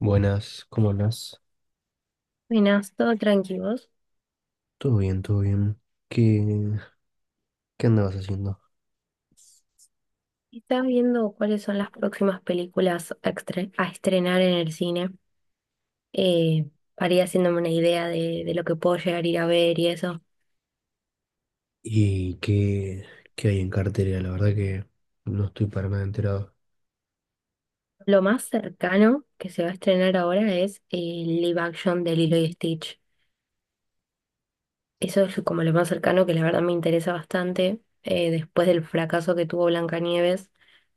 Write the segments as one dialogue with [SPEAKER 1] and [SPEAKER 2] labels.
[SPEAKER 1] Buenas, ¿cómo andás?
[SPEAKER 2] Buenas, todo tranquilos.
[SPEAKER 1] Todo bien, todo bien. ¿Qué, qué andabas haciendo?
[SPEAKER 2] ¿Estás viendo cuáles son las próximas películas a estrenar en el cine? Eh, para
[SPEAKER 1] Bien.
[SPEAKER 2] ir haciéndome una idea de lo que puedo llegar a ir a ver y eso.
[SPEAKER 1] ¿Y qué hay en cartera? La verdad que no estoy para nada enterado.
[SPEAKER 2] Lo más cercano que se va a estrenar ahora es el live action de Lilo y Stitch. Eso es como lo más cercano que la verdad me interesa bastante. Después del fracaso que tuvo Blancanieves,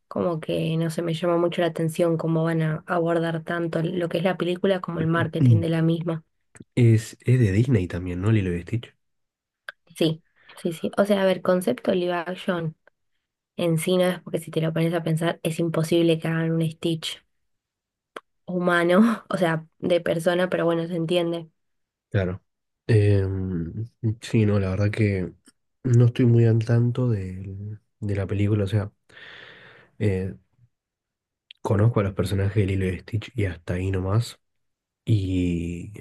[SPEAKER 2] como que no se me llama mucho la atención cómo van a abordar tanto lo que es la película como el marketing
[SPEAKER 1] Mm.
[SPEAKER 2] de la misma.
[SPEAKER 1] Es de Disney también, ¿no? Lilo y Stitch.
[SPEAKER 2] Sí, sí, sí. O sea, a ver, concepto live action en sí no es porque si te lo pones a pensar es imposible que hagan un Stitch humano, o sea, de persona, pero bueno, se entiende.
[SPEAKER 1] Claro. Em, sí, no, la verdad que no estoy muy al tanto de la película, o sea, eh, conozco a los personajes de Lilo y Stitch y hasta ahí nomás, y,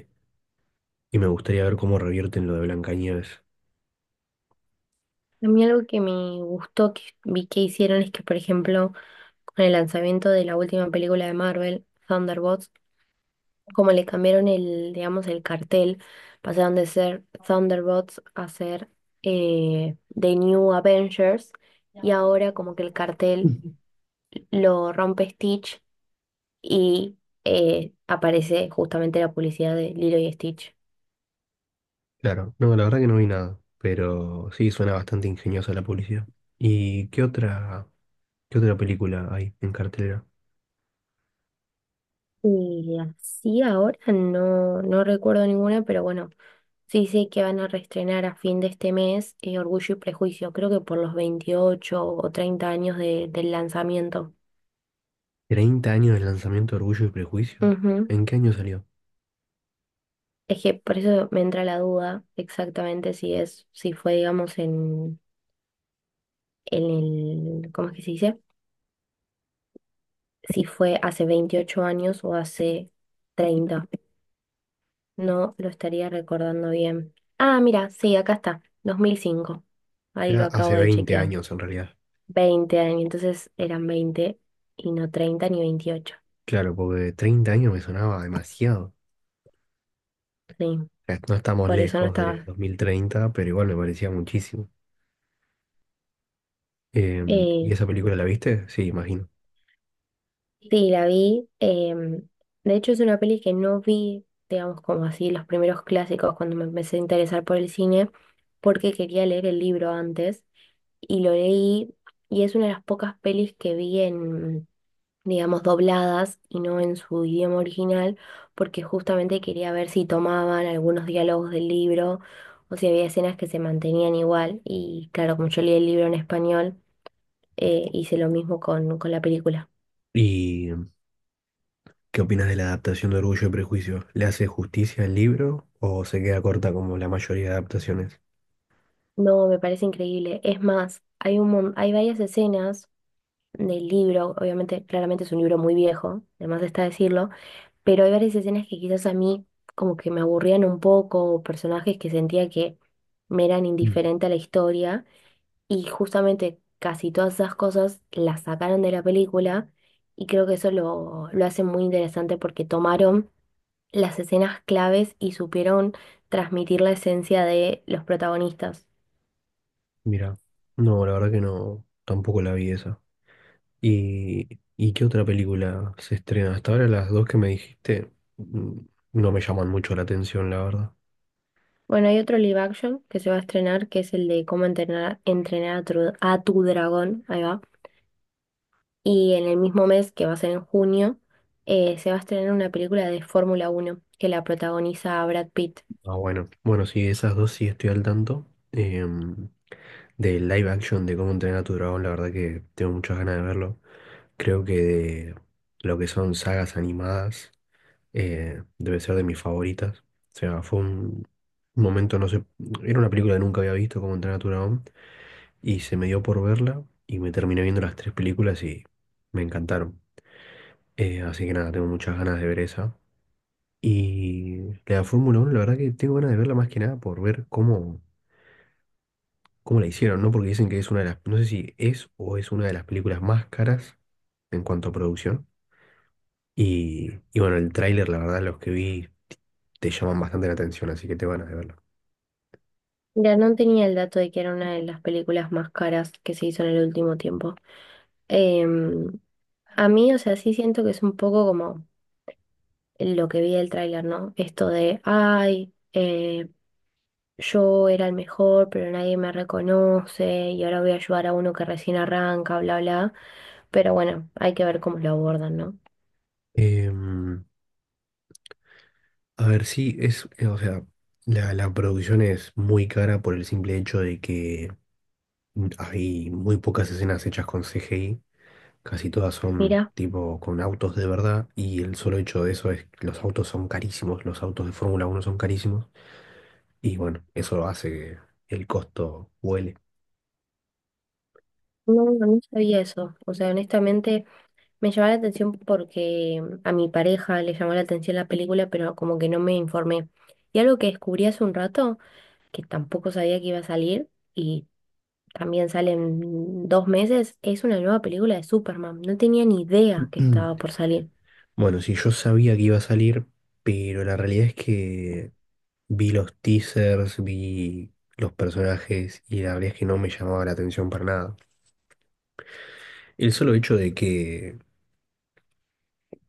[SPEAKER 1] y me gustaría ver cómo revierten lo de Blancanieves.
[SPEAKER 2] A mí algo que me gustó que vi que hicieron es que, por ejemplo, con el lanzamiento de la última película de Marvel, Thunderbolts, como le cambiaron el, digamos, el cartel, pasaron de ser Thunderbolts a ser The New Avengers, y ahora como que el cartel lo rompe Stitch y aparece justamente la publicidad de Lilo y Stitch.
[SPEAKER 1] Claro, no, la verdad que no vi nada, pero sí suena bastante ingeniosa la publicidad. ¿Y qué otra película hay en cartelera?
[SPEAKER 2] Y así ahora no recuerdo ninguna, pero bueno, sí sé que van a reestrenar a fin de este mes Orgullo y Prejuicio, creo que por los 28 o 30 años del lanzamiento.
[SPEAKER 1] ¿30 años del lanzamiento de Orgullo y Prejuicio?
[SPEAKER 2] Ujú.
[SPEAKER 1] ¿En qué año salió? O
[SPEAKER 2] Es que por eso me entra la duda exactamente si es, si fue, digamos, en el, ¿cómo es que se dice? Si fue hace 28 años o hace 30. No lo estaría recordando bien. Ah, mira, sí, acá está, 2005. Ahí
[SPEAKER 1] sea,
[SPEAKER 2] lo acabo
[SPEAKER 1] hace
[SPEAKER 2] de
[SPEAKER 1] 20
[SPEAKER 2] chequear.
[SPEAKER 1] años en realidad.
[SPEAKER 2] 20 años, entonces eran 20 y no 30 ni 28.
[SPEAKER 1] Claro, porque 30 años me sonaba demasiado. O
[SPEAKER 2] Sí,
[SPEAKER 1] sea, no estamos
[SPEAKER 2] por eso no
[SPEAKER 1] lejos de
[SPEAKER 2] estaba.
[SPEAKER 1] 2030, pero igual me parecía muchísimo. ¿Y
[SPEAKER 2] Eh,
[SPEAKER 1] esa película la viste? Sí, imagino.
[SPEAKER 2] sí, la vi. De hecho, es una peli que no vi, digamos, como así, los primeros clásicos cuando me empecé a interesar por el cine, porque quería leer el libro antes y lo leí, y es una de las pocas pelis que vi en, digamos, dobladas y no en su idioma original, porque justamente quería ver si tomaban algunos diálogos del libro o si había escenas que se mantenían igual. Y claro, como yo leí el libro en español, hice lo mismo con la película.
[SPEAKER 1] ¿Y qué opinas de la adaptación de Orgullo y Prejuicio? ¿Le hace justicia al libro o se queda corta como la mayoría de adaptaciones?
[SPEAKER 2] No, me parece increíble. Es más, hay hay varias escenas del libro. Obviamente, claramente es un libro muy viejo, además está decirlo, pero hay varias escenas que quizás a mí como que me aburrían un poco, o personajes que sentía que me eran
[SPEAKER 1] Mm.
[SPEAKER 2] indiferente a la historia. Y justamente casi todas esas cosas las sacaron de la película, y creo que eso lo hace muy interesante porque tomaron las escenas claves y supieron transmitir la esencia de los protagonistas.
[SPEAKER 1] Mira, no, la verdad que no, tampoco la vi esa. ¿Y, y qué otra película se estrena? Hasta ahora las dos que me dijiste mm, no me llaman mucho la atención, la verdad.
[SPEAKER 2] Bueno, hay otro live action que se va a estrenar que es el de cómo entrenar, a tu dragón, ahí va. Y en el mismo mes, que va a ser en junio, se va a estrenar una película de Fórmula 1 que la protagoniza Brad Pitt.
[SPEAKER 1] Ah, bueno, bueno, sí, esas dos sí estoy al tanto. Del live action de cómo entrenar a tu dragón, la verdad que tengo muchas ganas de verlo. Creo que de lo que son sagas animadas, debe ser de mis favoritas. O sea, fue un momento, no sé, era una película que nunca había visto, cómo entrenar a tu dragón, y se me dio por verla y me terminé viendo las tres películas y me encantaron. Así que nada, tengo muchas ganas de ver esa. Y la de Fórmula 1, la verdad que tengo ganas de verla más que nada por ver cómo la hicieron, ¿no? Porque dicen que es una de las, no sé si es o es una de las películas más caras en cuanto a producción. Y bueno, el tráiler, la verdad, los que vi te llaman bastante la atención, así que te van a verlo.
[SPEAKER 2] Mira, no tenía el dato de que era una de las películas más caras que se hizo en el último tiempo. Em, a mí, o sea, sí siento que es un poco como lo que vi del tráiler, ¿no? Esto de, ay, yo era el mejor, pero nadie me reconoce y ahora voy a ayudar a uno que recién arranca, bla, bla. Pero bueno, hay que ver cómo lo abordan, ¿no?
[SPEAKER 1] Em, a ver, sí, es, o sea, la producción es muy cara por el simple hecho de que hay muy pocas escenas hechas con CGI. Casi todas son
[SPEAKER 2] Mira,
[SPEAKER 1] tipo con autos de verdad y el solo hecho de eso es que los autos son carísimos, los autos de Fórmula 1 son carísimos. Y bueno, eso hace que el costo huele.
[SPEAKER 2] no, no sabía eso. O sea, honestamente me llamó la atención porque a mi pareja le llamó la atención la película, pero como que no me informé. Y algo que descubrí hace un rato, que tampoco sabía que iba a salir, y también sale en 2 meses, es una nueva película de Superman. No tenía ni idea que estaba por salir.
[SPEAKER 1] Bueno, sí, yo sabía que iba a salir, pero la realidad es que vi los teasers, vi los personajes y la realidad es que no me llamaba la atención para nada. El solo hecho de que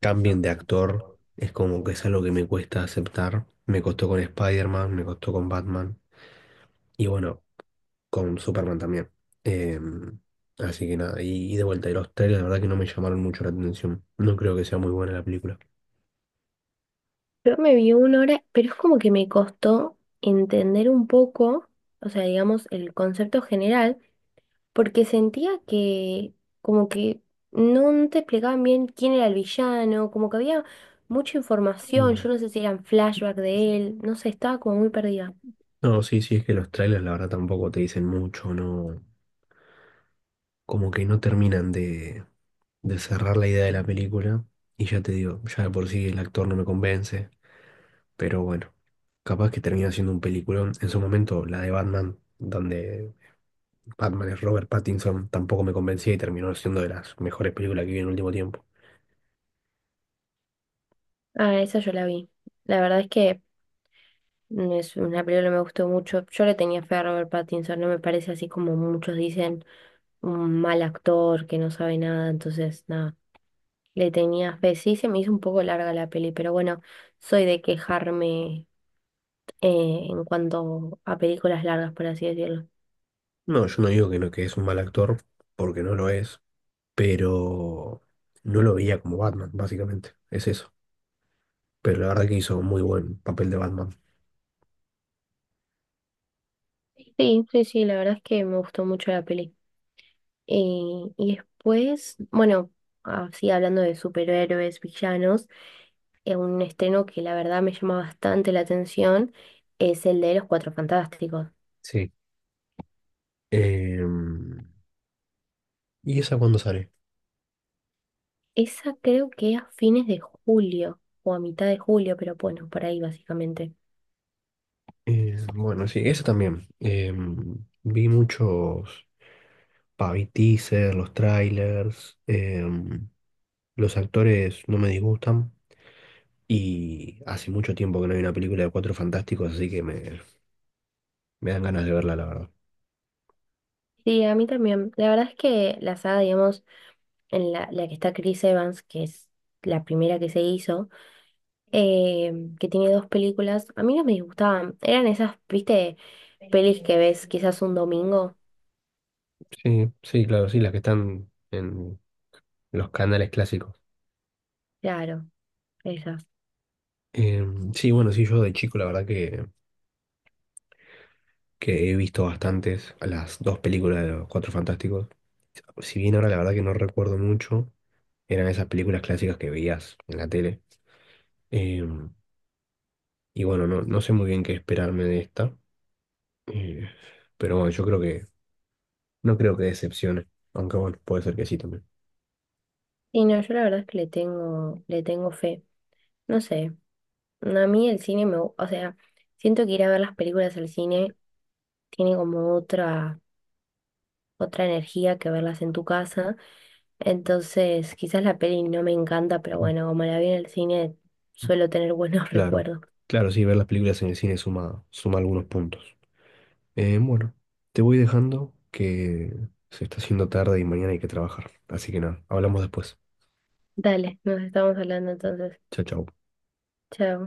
[SPEAKER 1] cambien de actor, es como que es algo que me cuesta aceptar. Me costó con Spider-Man, me costó con Batman y bueno, con Superman también. Em, Así que nada, y de vuelta, y los trailers la verdad que no me llamaron mucho la atención. No creo que sea muy buena la película.
[SPEAKER 2] Yo me vi una hora, pero es como que me costó entender un poco, o sea, digamos, el concepto general, porque sentía que como que no, no te explicaban bien quién era el villano, como que había mucha información,
[SPEAKER 1] Mm.
[SPEAKER 2] yo no sé si eran flashback de él, no sé, estaba como muy perdida.
[SPEAKER 1] No, sí, sí, es que los trailers la verdad tampoco te dicen mucho, no, como que no terminan de cerrar la idea de la película. Y ya te digo, ya de por sí el actor no me convence, pero bueno, capaz que termina siendo un peliculón. En su momento, la de Batman, donde Batman es Robert Pattinson, tampoco me convencía y terminó siendo de las mejores películas que vi en el último tiempo.
[SPEAKER 2] Ah, esa yo la vi. La verdad es que es una película que me gustó mucho. Yo le tenía fe a Robert Pattinson, no me parece así como muchos dicen, un mal actor que no sabe nada, entonces nada, le tenía fe. Sí, se me hizo un poco larga la peli, pero bueno, soy de quejarme en cuanto a películas largas, por así decirlo.
[SPEAKER 1] No, yo no digo que no, que es un mal actor, porque no lo es. Pero no lo veía como Batman, básicamente. Es eso. Pero la verdad que hizo un muy buen papel de Batman.
[SPEAKER 2] Sí, sí, sí, la verdad es que me gustó mucho la peli. Eh, y después, bueno, así hablando de superhéroes, villanos, un estreno que la verdad me llama bastante la atención es el de Los Cuatro Fantásticos.
[SPEAKER 1] Sí. Em, ¿Y esa cuándo sale?
[SPEAKER 2] Esa creo que a fines de julio o a mitad de julio, pero bueno, por ahí básicamente.
[SPEAKER 1] Bueno, sí, esa también. Vi muchos Vi teaser, los trailers. Los actores no me disgustan. Y hace mucho tiempo que no hay una película de Cuatro Fantásticos, así que me dan ganas de verla, la verdad.
[SPEAKER 2] Sí, a mí también. La verdad es que la saga, digamos, en la que está Chris Evans, que es la primera que se hizo, eh, que tiene dos películas. A mí no me disgustaban. Eran esas, viste, pelis que ves quizás un domingo.
[SPEAKER 1] Sí, sí, claro, sí, las que están en los canales clásicos.
[SPEAKER 2] Claro, esas.
[SPEAKER 1] Sí, bueno, sí, yo de chico la verdad que he visto bastantes, las dos películas de los Cuatro Fantásticos. Si bien ahora la verdad que no recuerdo mucho, eran esas películas clásicas que veías en la tele. Em, y bueno, no, no sé muy bien qué esperarme de esta, eh, pero bueno, yo creo que no creo que decepcione, aunque bueno, puede ser que sí también.
[SPEAKER 2] Y no, yo la verdad es que le tengo fe. No sé, a mí el cine o sea, siento que ir a ver las películas al cine tiene como otra energía que verlas en tu casa. Entonces, quizás la peli no me encanta, pero
[SPEAKER 1] Mm.
[SPEAKER 2] bueno, como la vi en el cine, suelo tener buenos
[SPEAKER 1] Claro,
[SPEAKER 2] recuerdos.
[SPEAKER 1] claro, sí, ver las películas en el cine suma, suma algunos puntos. Bueno, te voy dejando que se está haciendo tarde y mañana hay que trabajar. Así que nada, hablamos después.
[SPEAKER 2] Dale, nos estamos hablando entonces.
[SPEAKER 1] Chao, chao.
[SPEAKER 2] Chao.